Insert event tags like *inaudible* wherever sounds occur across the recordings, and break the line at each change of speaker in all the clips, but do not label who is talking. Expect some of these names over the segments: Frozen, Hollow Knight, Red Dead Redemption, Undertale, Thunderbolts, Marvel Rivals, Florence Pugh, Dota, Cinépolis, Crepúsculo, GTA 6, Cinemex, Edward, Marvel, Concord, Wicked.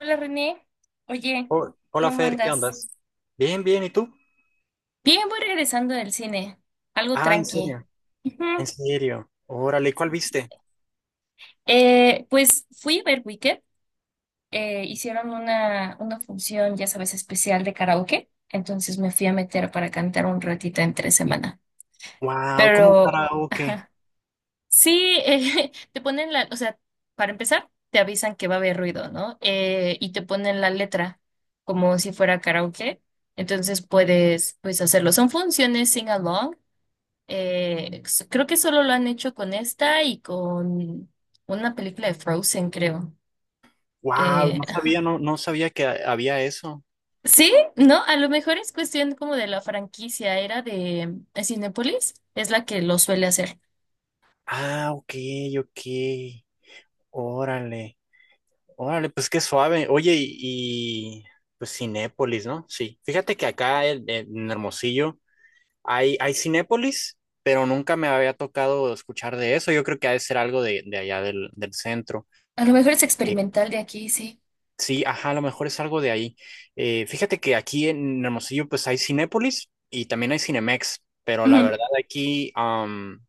Hola René, oye,
Hola
¿cómo
Fer, ¿qué
andas?
andas? Bien, bien, ¿y tú?
Bien, voy regresando del cine, algo
Ah, ¿en
tranqui.
serio? ¿En
Ujú.
serio? Órale, ¿cuál viste?
Pues fui a ver Wicked. Hicieron una función, ya sabes, especial de karaoke, entonces me fui a meter para cantar un ratito entre semana.
Wow, ¿cómo
Pero
karaoke?
sí, *laughs* te ponen la, o sea, para empezar, te avisan que va a haber ruido, ¿no? Y te ponen la letra como si fuera karaoke. Entonces puedes, pues, hacerlo. Son funciones sing along. Creo que solo lo han hecho con esta y con una película de Frozen, creo.
Wow,
Eh,
no sabía, no sabía que había eso.
*laughs* sí, no, a lo mejor es cuestión como de la franquicia, era de Cinépolis, es la que lo suele hacer.
Ah, ok, ok. Órale, órale, pues qué suave. Oye, y, pues Cinépolis, ¿no? Sí. Fíjate que acá en Hermosillo hay Cinépolis, pero nunca me había tocado escuchar de eso. Yo creo que ha de ser algo de allá del centro.
A lo mejor es
Eh,
experimental de aquí, sí.
Sí, ajá, a lo mejor es algo de ahí. Fíjate que aquí en Hermosillo pues hay Cinépolis y también hay Cinemex, pero la
Ujú.
verdad aquí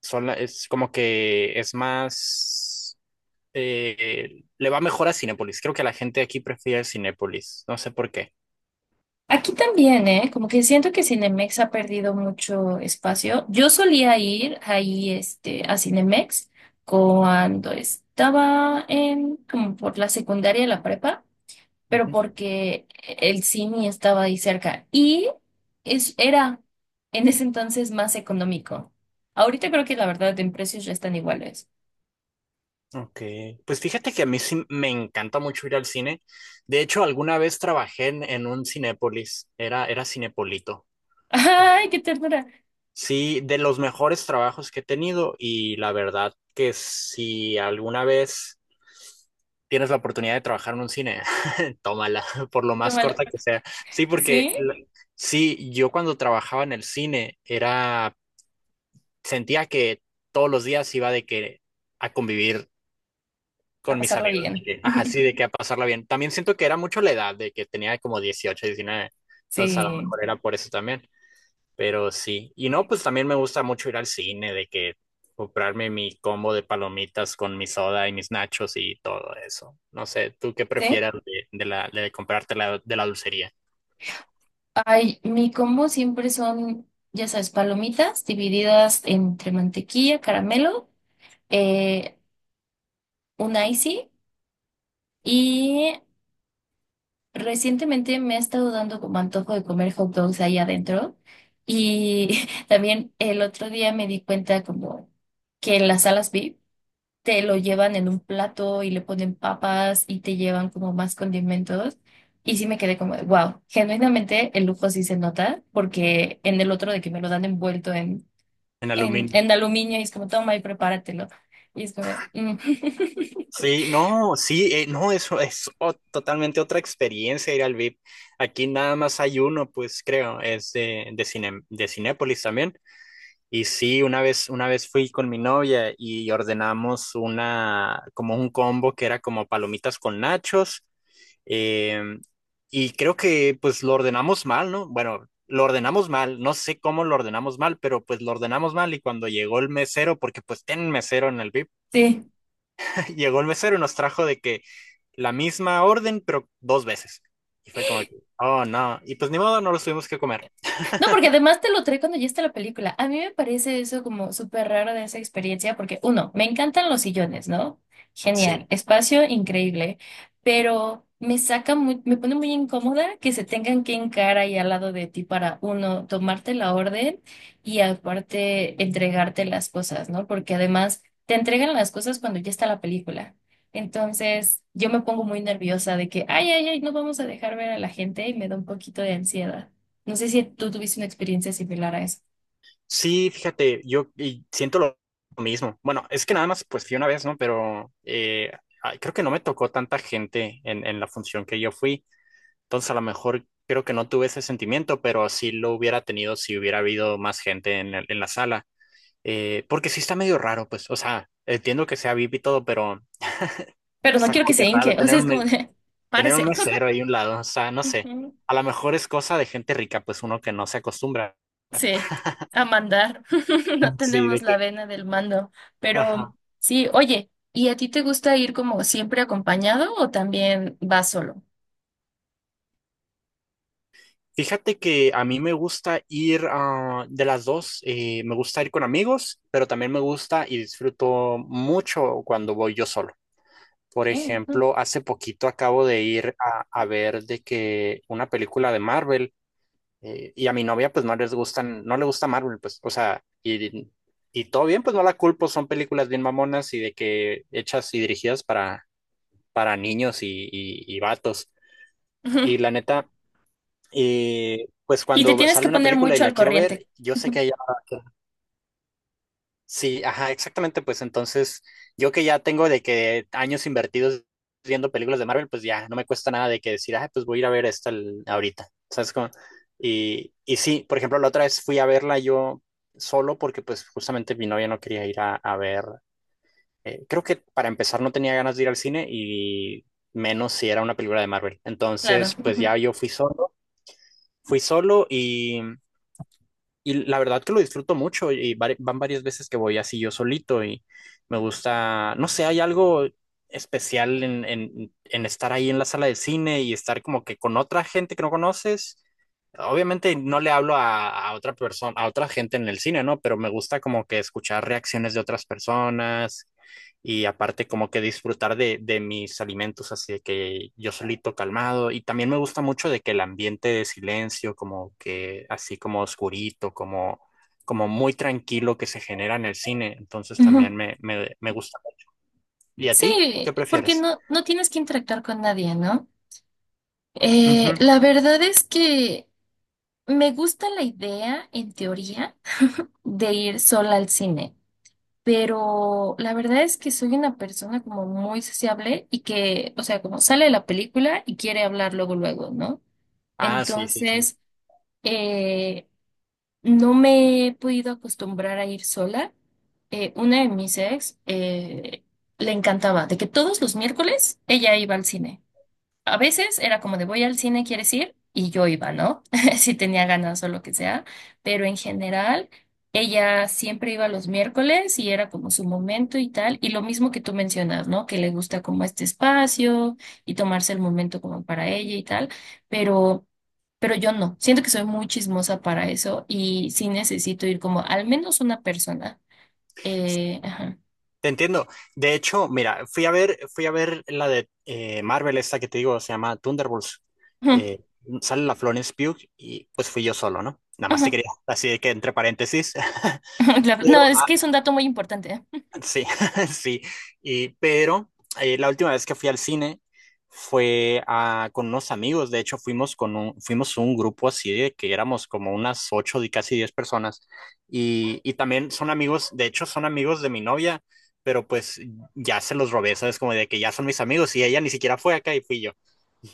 es como que es más, le va mejor a Cinépolis. Creo que la gente aquí prefiere Cinépolis, no sé por qué.
Aquí también, ¿eh? Como que siento que Cinemex ha perdido mucho espacio. Yo solía ir ahí, este, a Cinemex cuando estaba en, como por la secundaria y la prepa, pero
Ujú.
porque el cine estaba ahí cerca y es, era en ese entonces más económico. Ahorita creo que la verdad en precios ya están iguales.
Ok, pues fíjate que a mí sí me encanta mucho ir al cine. De hecho, alguna vez trabajé en un Cinépolis, era Cinepolito.
*laughs* ¡Ay, qué ternura!
Sí, de los mejores trabajos que he tenido y la verdad que si alguna vez tienes la oportunidad de trabajar en un cine, *laughs* tómala, por lo más
Tómala.
corta que sea. Sí,
¿Sí?
sí, yo cuando trabajaba en el cine era, sentía que todos los días iba de que a convivir
A
con mis
pasarla
amigos,
bien.
de que, ajá,
*laughs*
sí, de que a pasarla bien. También siento que era mucho la edad, de que tenía como 18 19, entonces a lo
Sí.
mejor era por eso también. Pero sí, y no, pues también me gusta mucho ir al cine, de que comprarme mi combo de palomitas con mi soda y mis nachos y todo eso. No sé, ¿tú qué
¿Sí?
prefieras de la de comprarte de la dulcería
Ay, mi combo siempre son, ya sabes, palomitas divididas entre mantequilla, caramelo, eh, un icy y recientemente me ha estado dando como antojo de comer hot dogs ahí adentro y *laughs* también el otro día me di cuenta como que en las salas VIP te lo llevan en un plato y le ponen papas y te llevan como más condimentos. Y sí me quedé como, wow, genuinamente el lujo sí se nota, porque en el otro de que me lo dan envuelto en,
en
en,
aluminio?
en aluminio y es como, toma y prepáratelo. Y es como, de, "Mm". *laughs*
Sí, no, sí, no, eso es totalmente otra experiencia ir al VIP. Aquí nada más hay uno, pues creo, es de Cinépolis también. Y sí, una vez fui con mi novia y ordenamos una, como un combo que era como palomitas con nachos. Eh, y creo que pues lo ordenamos mal, ¿no? Bueno, lo ordenamos mal, no sé cómo lo ordenamos mal, pero pues lo ordenamos mal y cuando llegó el mesero, porque pues ten mesero en el VIP,
Sí.
*laughs* llegó el mesero y nos trajo de que la misma orden, pero dos veces. Y fue como que, oh no, y pues ni modo, no los tuvimos que comer.
No, porque además te lo trae cuando ya está la película. A mí me parece eso como súper raro de esa experiencia, porque uno, me encantan los sillones, ¿no? Genial,
Sí,
espacio increíble, pero me saca muy, me pone muy incómoda que se tengan que encarar ahí al lado de ti para uno, tomarte la orden y aparte entregarte las cosas, ¿no? Porque además te entregan las cosas cuando ya está la película. Entonces, yo me pongo muy nerviosa de que, ay, ay, ay, no vamos a dejar ver a la gente y me da un poquito de ansiedad. No sé si tú tuviste una experiencia similar a eso,
sí, fíjate, yo y siento lo mismo. Bueno, es que nada más pues fui una vez, ¿no? Pero ay, creo que no me tocó tanta gente en la función que yo fui. Entonces, a lo mejor creo que no tuve ese sentimiento, pero sí lo hubiera tenido si hubiera habido más gente en, en la sala. Porque sí está medio raro, pues, o sea, entiendo que sea VIP y todo, pero
pero no
está
quiero que
como que
se
raro
hinque, o
tener
sea, es
un,
como de,
tener un
párese.
mesero ahí a un lado, o sea, no
*laughs*
sé.
Ujú.
A lo mejor es cosa de gente rica, pues uno que no se acostumbra.
Sí, a mandar. *laughs* No
Sí,
tenemos
de
la
que.
vena del mando, pero
Ajá.
sí, oye, ¿y a ti te gusta ir como siempre acompañado o también vas solo?
Fíjate que a mí me gusta ir de las dos, me gusta ir con amigos, pero también me gusta y disfruto mucho cuando voy yo solo. Por
¿Qué? Ujú.
ejemplo, hace poquito acabo de ir a ver de que una película de Marvel. Y a mi novia pues no les gustan, no le gusta Marvel, pues, o sea, y todo bien, pues no la culpo, son películas bien mamonas y de que hechas y dirigidas para niños y vatos.
*laughs* Ujú.
Y la neta, pues
Y te
cuando
tienes
sale
que
una
poner
película y
mucho
la
al
quiero
corriente.
ver, yo sé que
Ujú.
hay. Sí, ajá, exactamente. Pues entonces, yo que ya tengo de que años invertidos viendo películas de Marvel, pues ya no me cuesta nada de que decir, ah, pues voy a ir a ver esta ahorita. ¿Sabes cómo? Y sí, por ejemplo, la otra vez fui a verla yo solo porque pues justamente mi novia no quería ir a ver. Creo que para empezar no tenía ganas de ir al cine y menos si era una película de Marvel.
Claro.
Entonces, pues
Ujú.
ya yo fui solo y la verdad que lo disfruto mucho y van varias veces que voy así yo solito y me gusta, no sé, hay algo especial en estar ahí en la sala de cine y estar como que con otra gente que no conoces. Obviamente no le hablo a otra persona, a otra gente en el cine, ¿no? Pero me gusta como que escuchar reacciones de otras personas y aparte como que disfrutar de mis alimentos, así de que yo solito calmado y también me gusta mucho de que el ambiente de silencio, como que así como oscurito, como, como muy tranquilo que se genera en el cine, entonces
Ujú.
también me gusta. ¿Y a ti? ¿Qué
Sí, porque
prefieres?
no, no tienes que interactuar con nadie, ¿no?
Ujú.
La verdad es que me gusta la idea en teoría de ir sola al cine, pero la verdad es que soy una persona como muy sociable y que, o sea, como sale de la película y quiere hablar luego, luego, ¿no?
Ah, sí, sí, sí.
Entonces, eh, no me he podido acostumbrar a ir sola. Una de mis ex le encantaba, de que todos los miércoles ella iba al cine. A veces era como de voy al cine, ¿quieres ir? Y yo iba, ¿no? *laughs* Si tenía ganas o lo que sea, pero en general ella siempre iba los miércoles y era como su momento y tal, y lo mismo que tú mencionas, ¿no? Que le gusta como este espacio y tomarse el momento como para ella y tal, pero pero yo no, siento que soy muy chismosa para eso y sí necesito ir como al menos una persona. Ajá.
Te entiendo. De hecho, mira, fui a ver la de Marvel, esta que te digo, se llama Thunderbolts.
*laughs* Ujú,
Eh, Sale la Florence Pugh y pues fui yo solo, ¿no? Nada más te
ujú,
quería, así que entre paréntesis. *laughs*
ujú, claro.
Pero
No, es que es un dato muy importante. ¿Eh?
sí, *laughs* sí. Y, pero la última vez que fui al cine fue con unos amigos. De hecho, fuimos con un, fuimos un grupo así de que éramos como unas ocho y casi diez personas. Y también son amigos, de hecho, son amigos de mi novia, pero pues ya se los robé, ¿sabes? Como de que ya son mis amigos y ella ni siquiera fue acá y fui yo.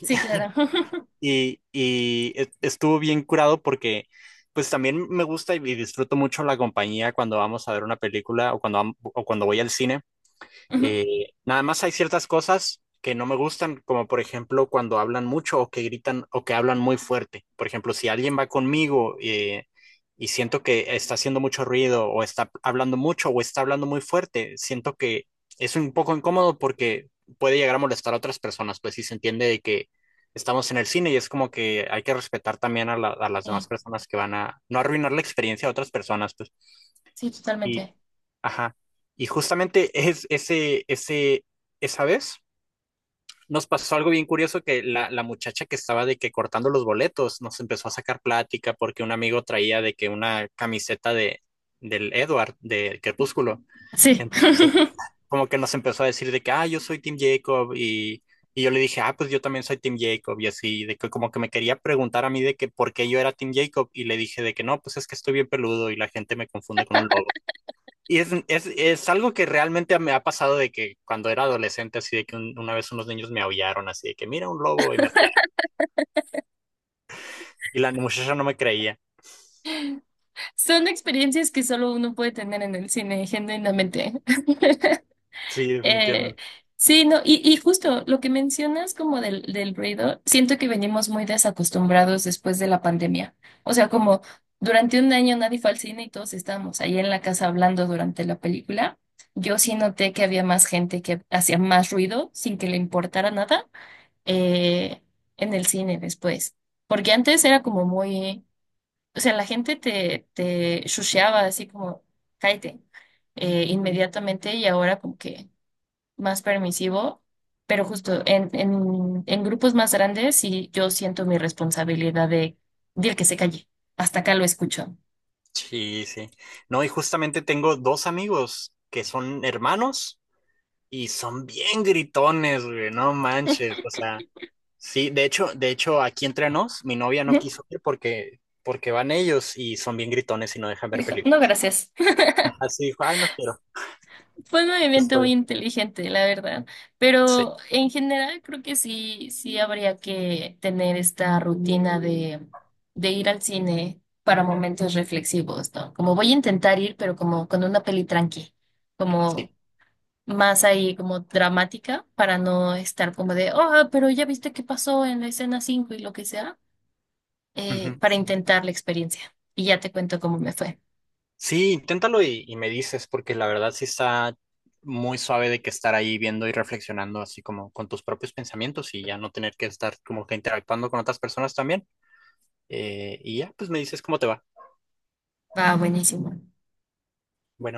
Sí, claro. *laughs*
Y, y estuvo bien curado porque pues también me gusta y disfruto mucho la compañía cuando vamos a ver una película o cuando, o cuando voy al cine.
Ujú,
Nada más hay ciertas cosas que no me gustan, como por ejemplo cuando hablan mucho o que gritan o que hablan muy fuerte. Por ejemplo, si alguien va conmigo y siento que está haciendo mucho ruido o está hablando mucho o está hablando muy fuerte, siento que es un poco incómodo porque puede llegar a molestar a otras personas, pues si se entiende de que estamos en el cine y es como que hay que respetar también a, a las
sí.
demás personas que van a no arruinar la experiencia de otras personas, pues.
Sí,
Y
totalmente.
ajá. Y justamente es ese, ese, esa vez nos pasó algo bien curioso que la muchacha que estaba de que cortando los boletos nos empezó a sacar plática porque un amigo traía de que una camiseta de del Edward de Crepúsculo.
Sí.
Entonces,
*laughs*
como que nos empezó a decir de que, ah, yo soy Team Jacob y yo le dije, ah, pues yo también soy Team Jacob y así, de que como que me quería preguntar a mí de que por qué yo era Team Jacob y le dije de que no, pues es que estoy bien peludo y la gente me confunde con un lobo. Y es algo que realmente me ha pasado de que cuando era adolescente, así de que una vez unos niños me aullaron, así de que mira un lobo y me aullaron. Y la muchacha no me creía.
Son experiencias que solo uno puede tener en el cine, genuinamente. *laughs*
Sí,
Eh,
definitivamente.
sí, no, y justo lo que mencionas como del, del ruido, siento que venimos muy desacostumbrados después de la pandemia. O sea, como durante un año nadie fue al cine y todos estábamos ahí en la casa hablando durante la película. Yo sí noté que había más gente que hacía más ruido sin que le importara nada eh, en el cine después. Porque antes era como muy... O sea, la gente te, te shusheaba así como, cállate, inmediatamente y ahora como que más permisivo, pero justo en, en grupos más grandes y yo siento mi responsabilidad de que se calle, hasta acá lo escucho.
Sí, sí. No, y justamente tengo dos amigos que son hermanos y son bien gritones, güey, no manches. O sea, sí, de hecho, aquí entre nos, mi novia no
Ujú.
quiso ir porque, porque van ellos y son bien gritones y no dejan ver
Dijo, no,
películas.
gracias.
Así dijo, ay, no quiero,
Fue un movimiento muy
estoy.
inteligente, la verdad,
Sí,
pero en general creo que sí, sí habría que tener esta rutina de ir al cine para momentos reflexivos, ¿no? Como voy a intentar ir, pero como con una peli tranqui, como
sí.
más ahí como dramática, para no estar como de, oh, pero ya viste qué pasó en la escena 5 y lo que sea,
Ujú.
para intentar la experiencia. Y ya te cuento cómo me fue.
Sí, inténtalo y me dices, porque la verdad sí está muy suave de que estar ahí viendo y reflexionando así como con tus propios pensamientos y ya no tener que estar como que interactuando con otras personas también. Y ya, pues me dices cómo te va.
Va, buenísimo.
Bueno.